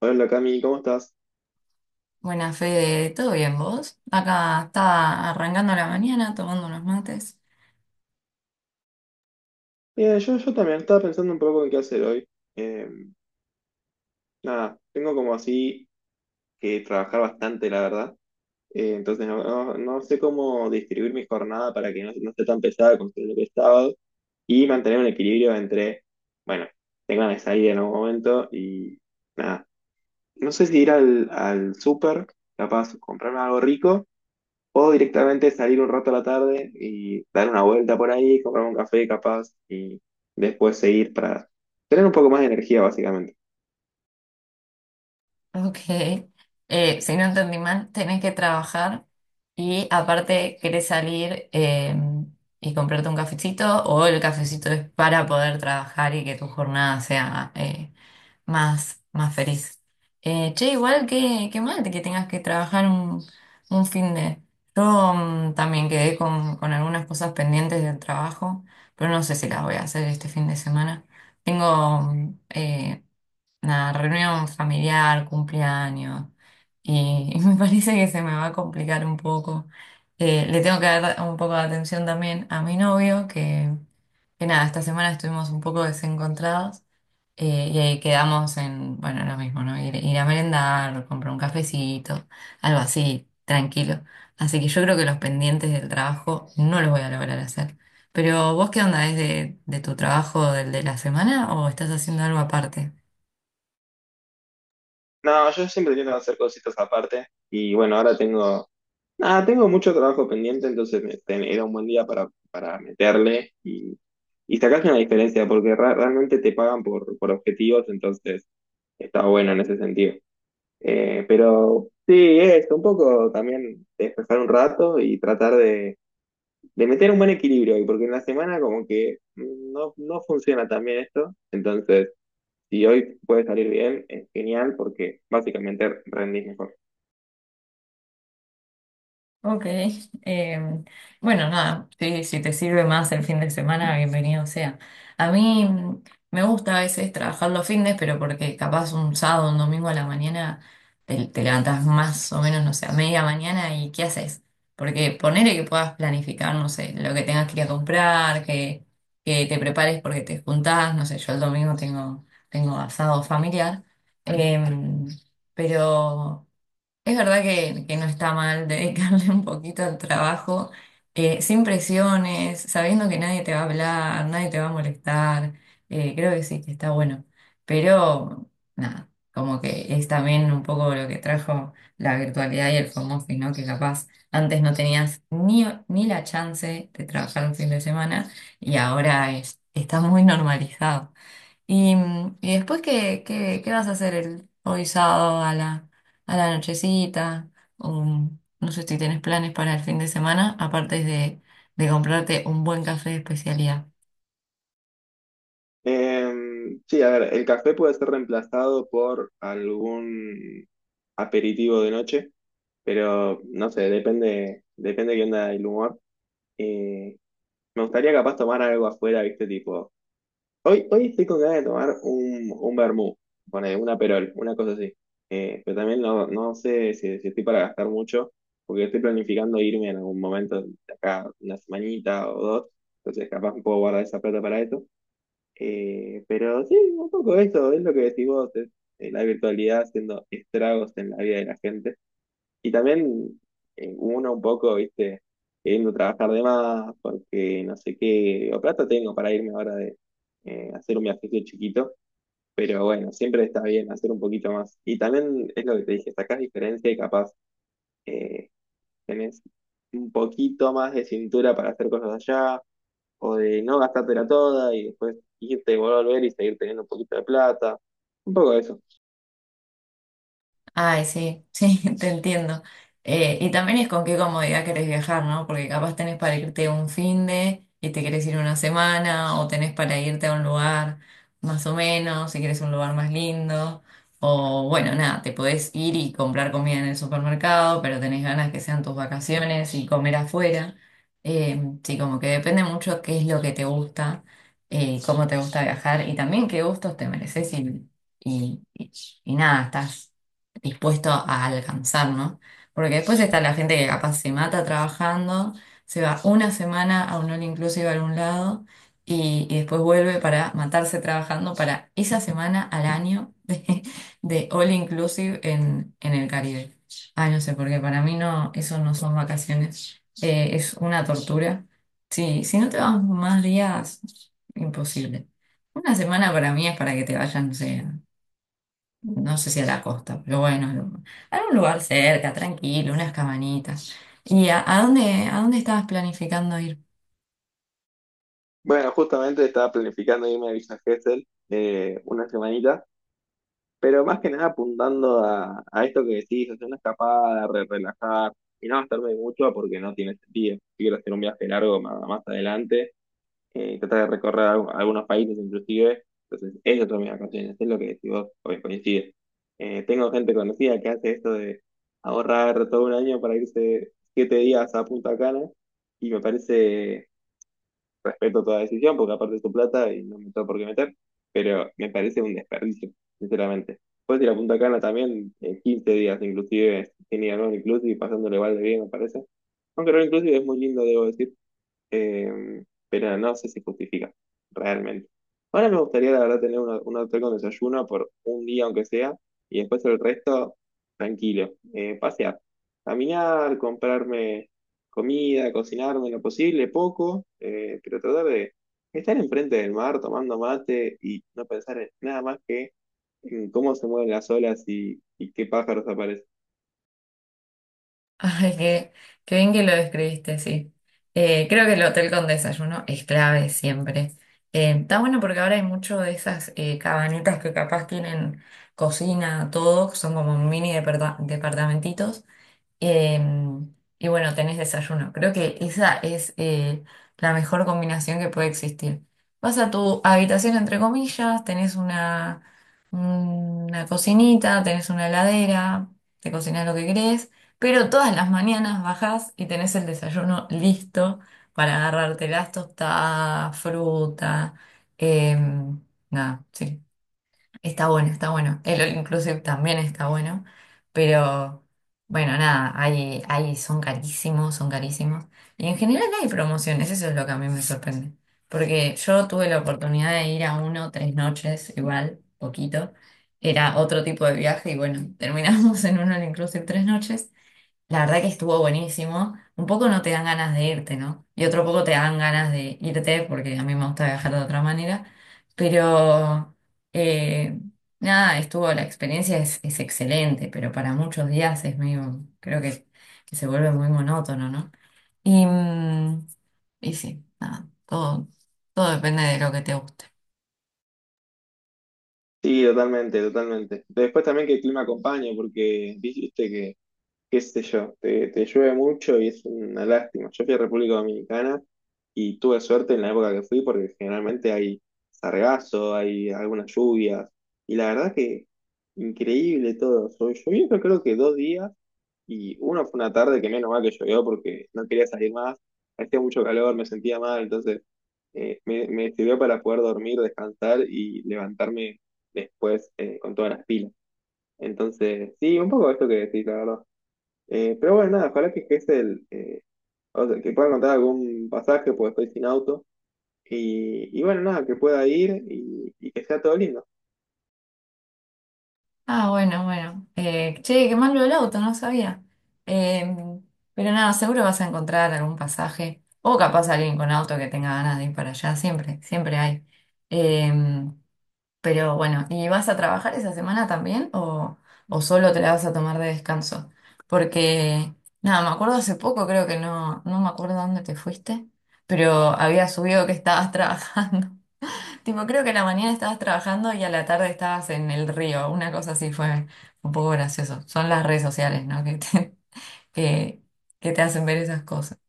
Hola Cami, ¿cómo estás? Buena Fede, ¿todo bien vos? Acá estaba arrancando la mañana tomando unos mates. Bien, yo también estaba pensando un poco en qué hacer hoy. Eh, Nada, tengo como así que trabajar bastante, la verdad. Entonces no sé cómo distribuir mi jornada para que no esté tan pesada como lo que es sábado y mantener un equilibrio entre, bueno, tengo ganas de salir en algún momento y nada. No sé si ir al súper, capaz comprarme algo rico. Puedo directamente salir un rato a la tarde y dar una vuelta por ahí, comprar un café capaz y después seguir para tener un poco más de energía básicamente. Ok. Si no entendí mal, tenés que trabajar y aparte querés salir y comprarte un cafecito, o el cafecito es para poder trabajar y que tu jornada sea más feliz. Che, igual que mal que tengas que trabajar un fin de... Yo también quedé con algunas cosas pendientes del trabajo, pero no sé si las voy a hacer este fin de semana. Tengo una reunión familiar, cumpleaños, y, y me parece que se me va a complicar un poco. Le tengo que dar un poco de atención también a mi novio, que nada, esta semana estuvimos un poco desencontrados. Y ahí quedamos en, bueno, lo mismo, ¿no? Ir a merendar, comprar un cafecito, algo así, tranquilo. Así que yo creo que los pendientes del trabajo no los voy a lograr hacer. Pero vos, ¿qué onda? ¿Es de tu trabajo, del de la semana, o estás haciendo algo aparte? No, yo siempre intento hacer cositas aparte y bueno, ahora tengo, nada, tengo mucho trabajo pendiente, entonces era un buen día para meterle y sacarse una diferencia porque realmente te pagan por objetivos, entonces está bueno en ese sentido. Pero sí, es un poco también despejar un rato y tratar de meter un buen equilibrio, porque en la semana como que no funciona tan bien esto, entonces si hoy puede salir bien, es genial porque básicamente rendís mejor. Ok, em, bueno, nada, sí, si te sirve más el fin de semana, bienvenido sea. A mí me gusta a veces trabajar los fines, pero porque capaz un sábado, un domingo a la mañana te levantas más o menos, no sé, a media mañana. ¿Y qué haces? Porque ponele que puedas planificar, no sé, lo que tengas que ir a comprar, que te prepares porque te juntás, no sé, yo el domingo tengo asado familiar, em, pero... Es verdad que no está mal dedicarle un poquito al trabajo, sin presiones, sabiendo que nadie te va a hablar, nadie te va a molestar. Eh, creo que sí, que está bueno. Pero nada, como que es también un poco lo que trajo la virtualidad y el home office, ¿no? Que capaz antes no tenías ni la chance de trabajar un fin de semana y ahora está muy normalizado. Y, y después, qué vas a hacer el, hoy sábado a la nochecita? O, no sé si tienes planes para el fin de semana, aparte de comprarte un buen café de especialidad. Sí, a ver, el café puede ser reemplazado por algún aperitivo de noche, pero no sé, depende qué onda el humor. Eh, Me gustaría capaz tomar algo afuera, viste, tipo. Hoy estoy con ganas de tomar un vermú, pone, una perol, una cosa así. Pero también no, no sé si, si estoy para gastar mucho, porque estoy planificando irme en algún momento, de acá una semanita o dos, entonces capaz puedo guardar esa plata para eso. Pero sí, un poco eso, es lo que decís vos, es, la virtualidad haciendo estragos en la vida de la gente. Y también uno un poco, viste, queriendo trabajar de más, porque no sé qué, o plata tengo para irme ahora de hacer un viajecito chiquito, pero bueno, siempre está bien hacer un poquito más. Y también es lo que te dije, sacás diferencia y capaz eh, tenés un poquito más de cintura para hacer cosas allá, o de no gastártela toda y después irte, volver y seguir teniendo un poquito de plata, un poco de eso. Ay, sí, sí, te entiendo. Y también es con qué comodidad querés viajar, ¿no? Porque capaz tenés para irte un fin de, y te querés ir una semana, o tenés para irte a un lugar más o menos, si querés un lugar más lindo, o bueno, nada, te podés ir y comprar comida en el supermercado, pero tenés ganas que sean tus vacaciones y comer afuera. Sí, como que depende mucho qué es lo que te gusta, cómo te gusta viajar y también qué gustos te mereces y y nada, estás dispuesto a alcanzar, ¿no? Porque después está la gente que capaz se mata trabajando, se va una semana a un all inclusive a algún lado y después vuelve para matarse trabajando para esa semana al año de all inclusive en el Caribe. Ay, no sé, porque para mí no, eso no son vacaciones. Es una tortura. Sí, si no te vas más días, imposible. Una semana para mí es para que te vayan, no sé, no sé si a la costa, pero bueno, algún lugar cerca, tranquilo, unas cabañitas. ¿Y a dónde estabas planificando ir? Bueno, justamente estaba planificando irme a Villa Gesell una semanita. Pero más que nada apuntando a esto que decís, hacer una escapada, relajar y no gastarme mucho porque no tiene sentido. Si quiero hacer un viaje largo más adelante, tratar de recorrer algunos países inclusive. Entonces, esas son mis vacaciones, es lo que decís vos, o coincide. Tengo gente conocida que hace esto de ahorrar todo un año para irse 7 días a Punta Cana y me parece, respeto toda decisión, porque aparte es tu plata y no me tengo por qué meter, pero me parece un desperdicio, sinceramente. Puedes ir a Punta Cana también 15 días, inclusive, sin ir a All Inclusive, pasándole igual de bien, me parece. Aunque All Inclusive es muy lindo, debo decir, eh, pero no sé si justifica, realmente. Ahora me gustaría, la verdad, tener un hotel con desayuno por un día, aunque sea, y después el resto, tranquilo. Pasear, caminar, comprarme comida, cocinarme lo posible, poco, pero tratar de estar enfrente del mar tomando mate y no pensar en nada más que en cómo se mueven las olas y qué pájaros aparecen. Ay, qué, qué bien que lo describiste, sí. Creo que el hotel con desayuno es clave siempre. Está bueno porque ahora hay mucho de esas cabanitas que capaz tienen cocina, todo, son como mini departamentitos. Em, y bueno, tenés desayuno. Creo que esa es la mejor combinación que puede existir. Vas a tu habitación, entre comillas, tenés una cocinita, tenés una heladera, te cocinás lo que querés, pero todas las mañanas bajás y tenés el desayuno listo para agarrarte las tostadas, fruta, em, nada, sí. Está bueno, está bueno. El All Inclusive también está bueno. Pero bueno, nada, hay, son carísimos, son carísimos. Y en general no hay promociones, eso es lo que a mí me sorprende. Porque yo tuve la oportunidad de ir a uno tres noches, igual, poquito. Era otro tipo de viaje y bueno, terminamos en un All Inclusive tres noches. La verdad que estuvo buenísimo. Un poco no te dan ganas de irte, ¿no? Y otro poco te dan ganas de irte porque a mí me gusta viajar de otra manera. Pero eh, nada, estuvo, la experiencia es excelente, pero para muchos días es medio, creo que se vuelve muy monótono, ¿no? Y, y sí, nada, todo depende de lo que te guste. Sí, totalmente, totalmente. Después también que el clima acompañe, porque dijiste que qué sé yo, te llueve mucho y es una lástima. Yo fui a República Dominicana y tuve suerte en la época que fui porque generalmente hay sargazo, hay algunas lluvias y la verdad que increíble todo. Llovió. Yo creo que 2 días y uno fue una tarde que menos mal que llovió porque no quería salir más, hacía mucho calor, me sentía mal, entonces me sirvió para poder dormir, descansar y levantarme después con todas las pilas. Entonces, sí, un poco esto que decís, la verdad. Pero bueno, nada, ojalá que es el, o sea, que pueda encontrar algún pasaje porque estoy sin auto. Y bueno, nada, que pueda ir y que sea todo lindo. Ah, bueno, bueno. Che, qué mal lo del auto, no sabía. Eh, pero nada, seguro vas a encontrar algún pasaje. O capaz alguien con auto que tenga ganas de ir para allá, siempre, siempre hay. Eh, pero bueno, ¿y vas a trabajar esa semana también o solo te la vas a tomar de descanso? Porque, nada, me acuerdo hace poco, creo que no, no me acuerdo dónde te fuiste, pero había subido que estabas trabajando. Tipo, creo que a la mañana estabas trabajando y a la tarde estabas en el río. Una cosa así fue un poco gracioso. Son las redes sociales, ¿no? Que, que te hacen ver esas cosas.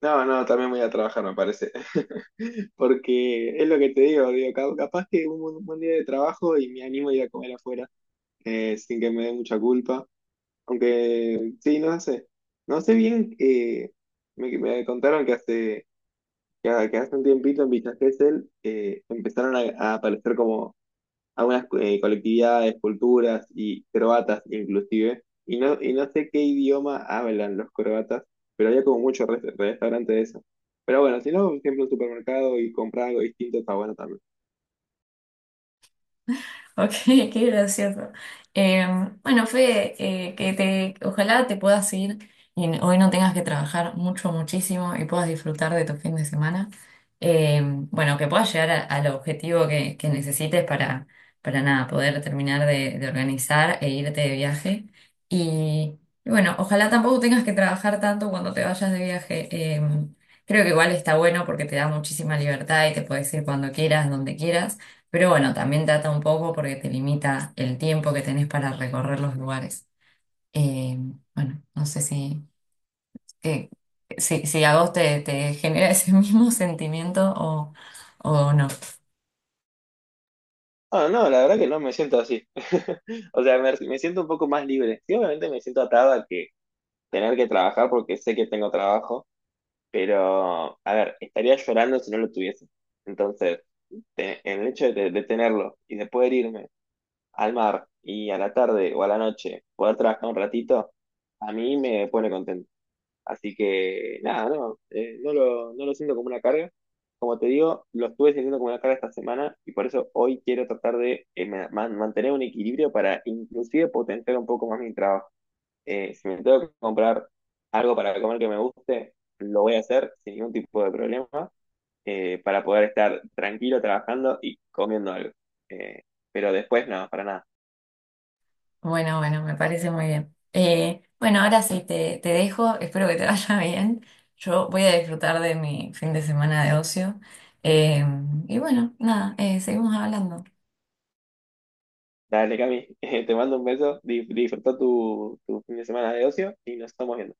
No, no, también voy a trabajar, me parece. Porque es lo que te digo, digo, capaz que un buen día de trabajo y me animo a ir a comer afuera, sin que me dé mucha culpa. Aunque, sí, no sé. No sé bien, me contaron que que hace un tiempito en Villa Gesell empezaron a aparecer como algunas colectividades, culturas y croatas inclusive, y no sé qué idioma hablan los croatas, pero había como muchos restaurantes de eso. Pero bueno, si no, siempre un supermercado y comprar algo distinto está bueno también. Ok, qué gracioso. Eh, bueno, Fede, que te, ojalá te puedas ir y hoy no tengas que trabajar mucho, muchísimo y puedas disfrutar de tu fin de semana. Eh, bueno, que puedas llegar al objetivo que necesites para nada, poder terminar de organizar e irte de viaje. Y, y bueno, ojalá tampoco tengas que trabajar tanto cuando te vayas de viaje. Creo que igual está bueno porque te da muchísima libertad y te puedes ir cuando quieras, donde quieras. Pero bueno, también trata un poco porque te limita el tiempo que tenés para recorrer los lugares. Eh, bueno, no sé si, que, si, si a vos te, te genera ese mismo sentimiento o no. Ah, no, la verdad que no me siento así. O sea, me siento un poco más libre. Sí, obviamente me siento atado a que tener que trabajar porque sé que tengo trabajo, pero a ver, estaría llorando si no lo tuviese. Entonces, el hecho de tenerlo y de poder irme al mar y a la tarde o a la noche poder trabajar un ratito, a mí me pone contento. Así que nada, no, no lo siento como una carga. Como te digo, lo estuve sintiendo como una carga esta semana y por eso hoy quiero tratar de mantener un equilibrio para inclusive potenciar un poco más mi trabajo. Si me tengo que comprar algo para comer que me guste, lo voy a hacer sin ningún tipo de problema, para poder estar tranquilo trabajando y comiendo algo. Eh, pero después no, para nada. Bueno, bueno, me parece muy bien. Bueno, ahora sí te dejo, espero que te vaya bien. Yo voy a disfrutar de mi fin de semana de ocio. Eh, y bueno, nada, seguimos hablando. Dale, Cami, te mando un beso, disfruta tu fin de semana de ocio y nos estamos viendo.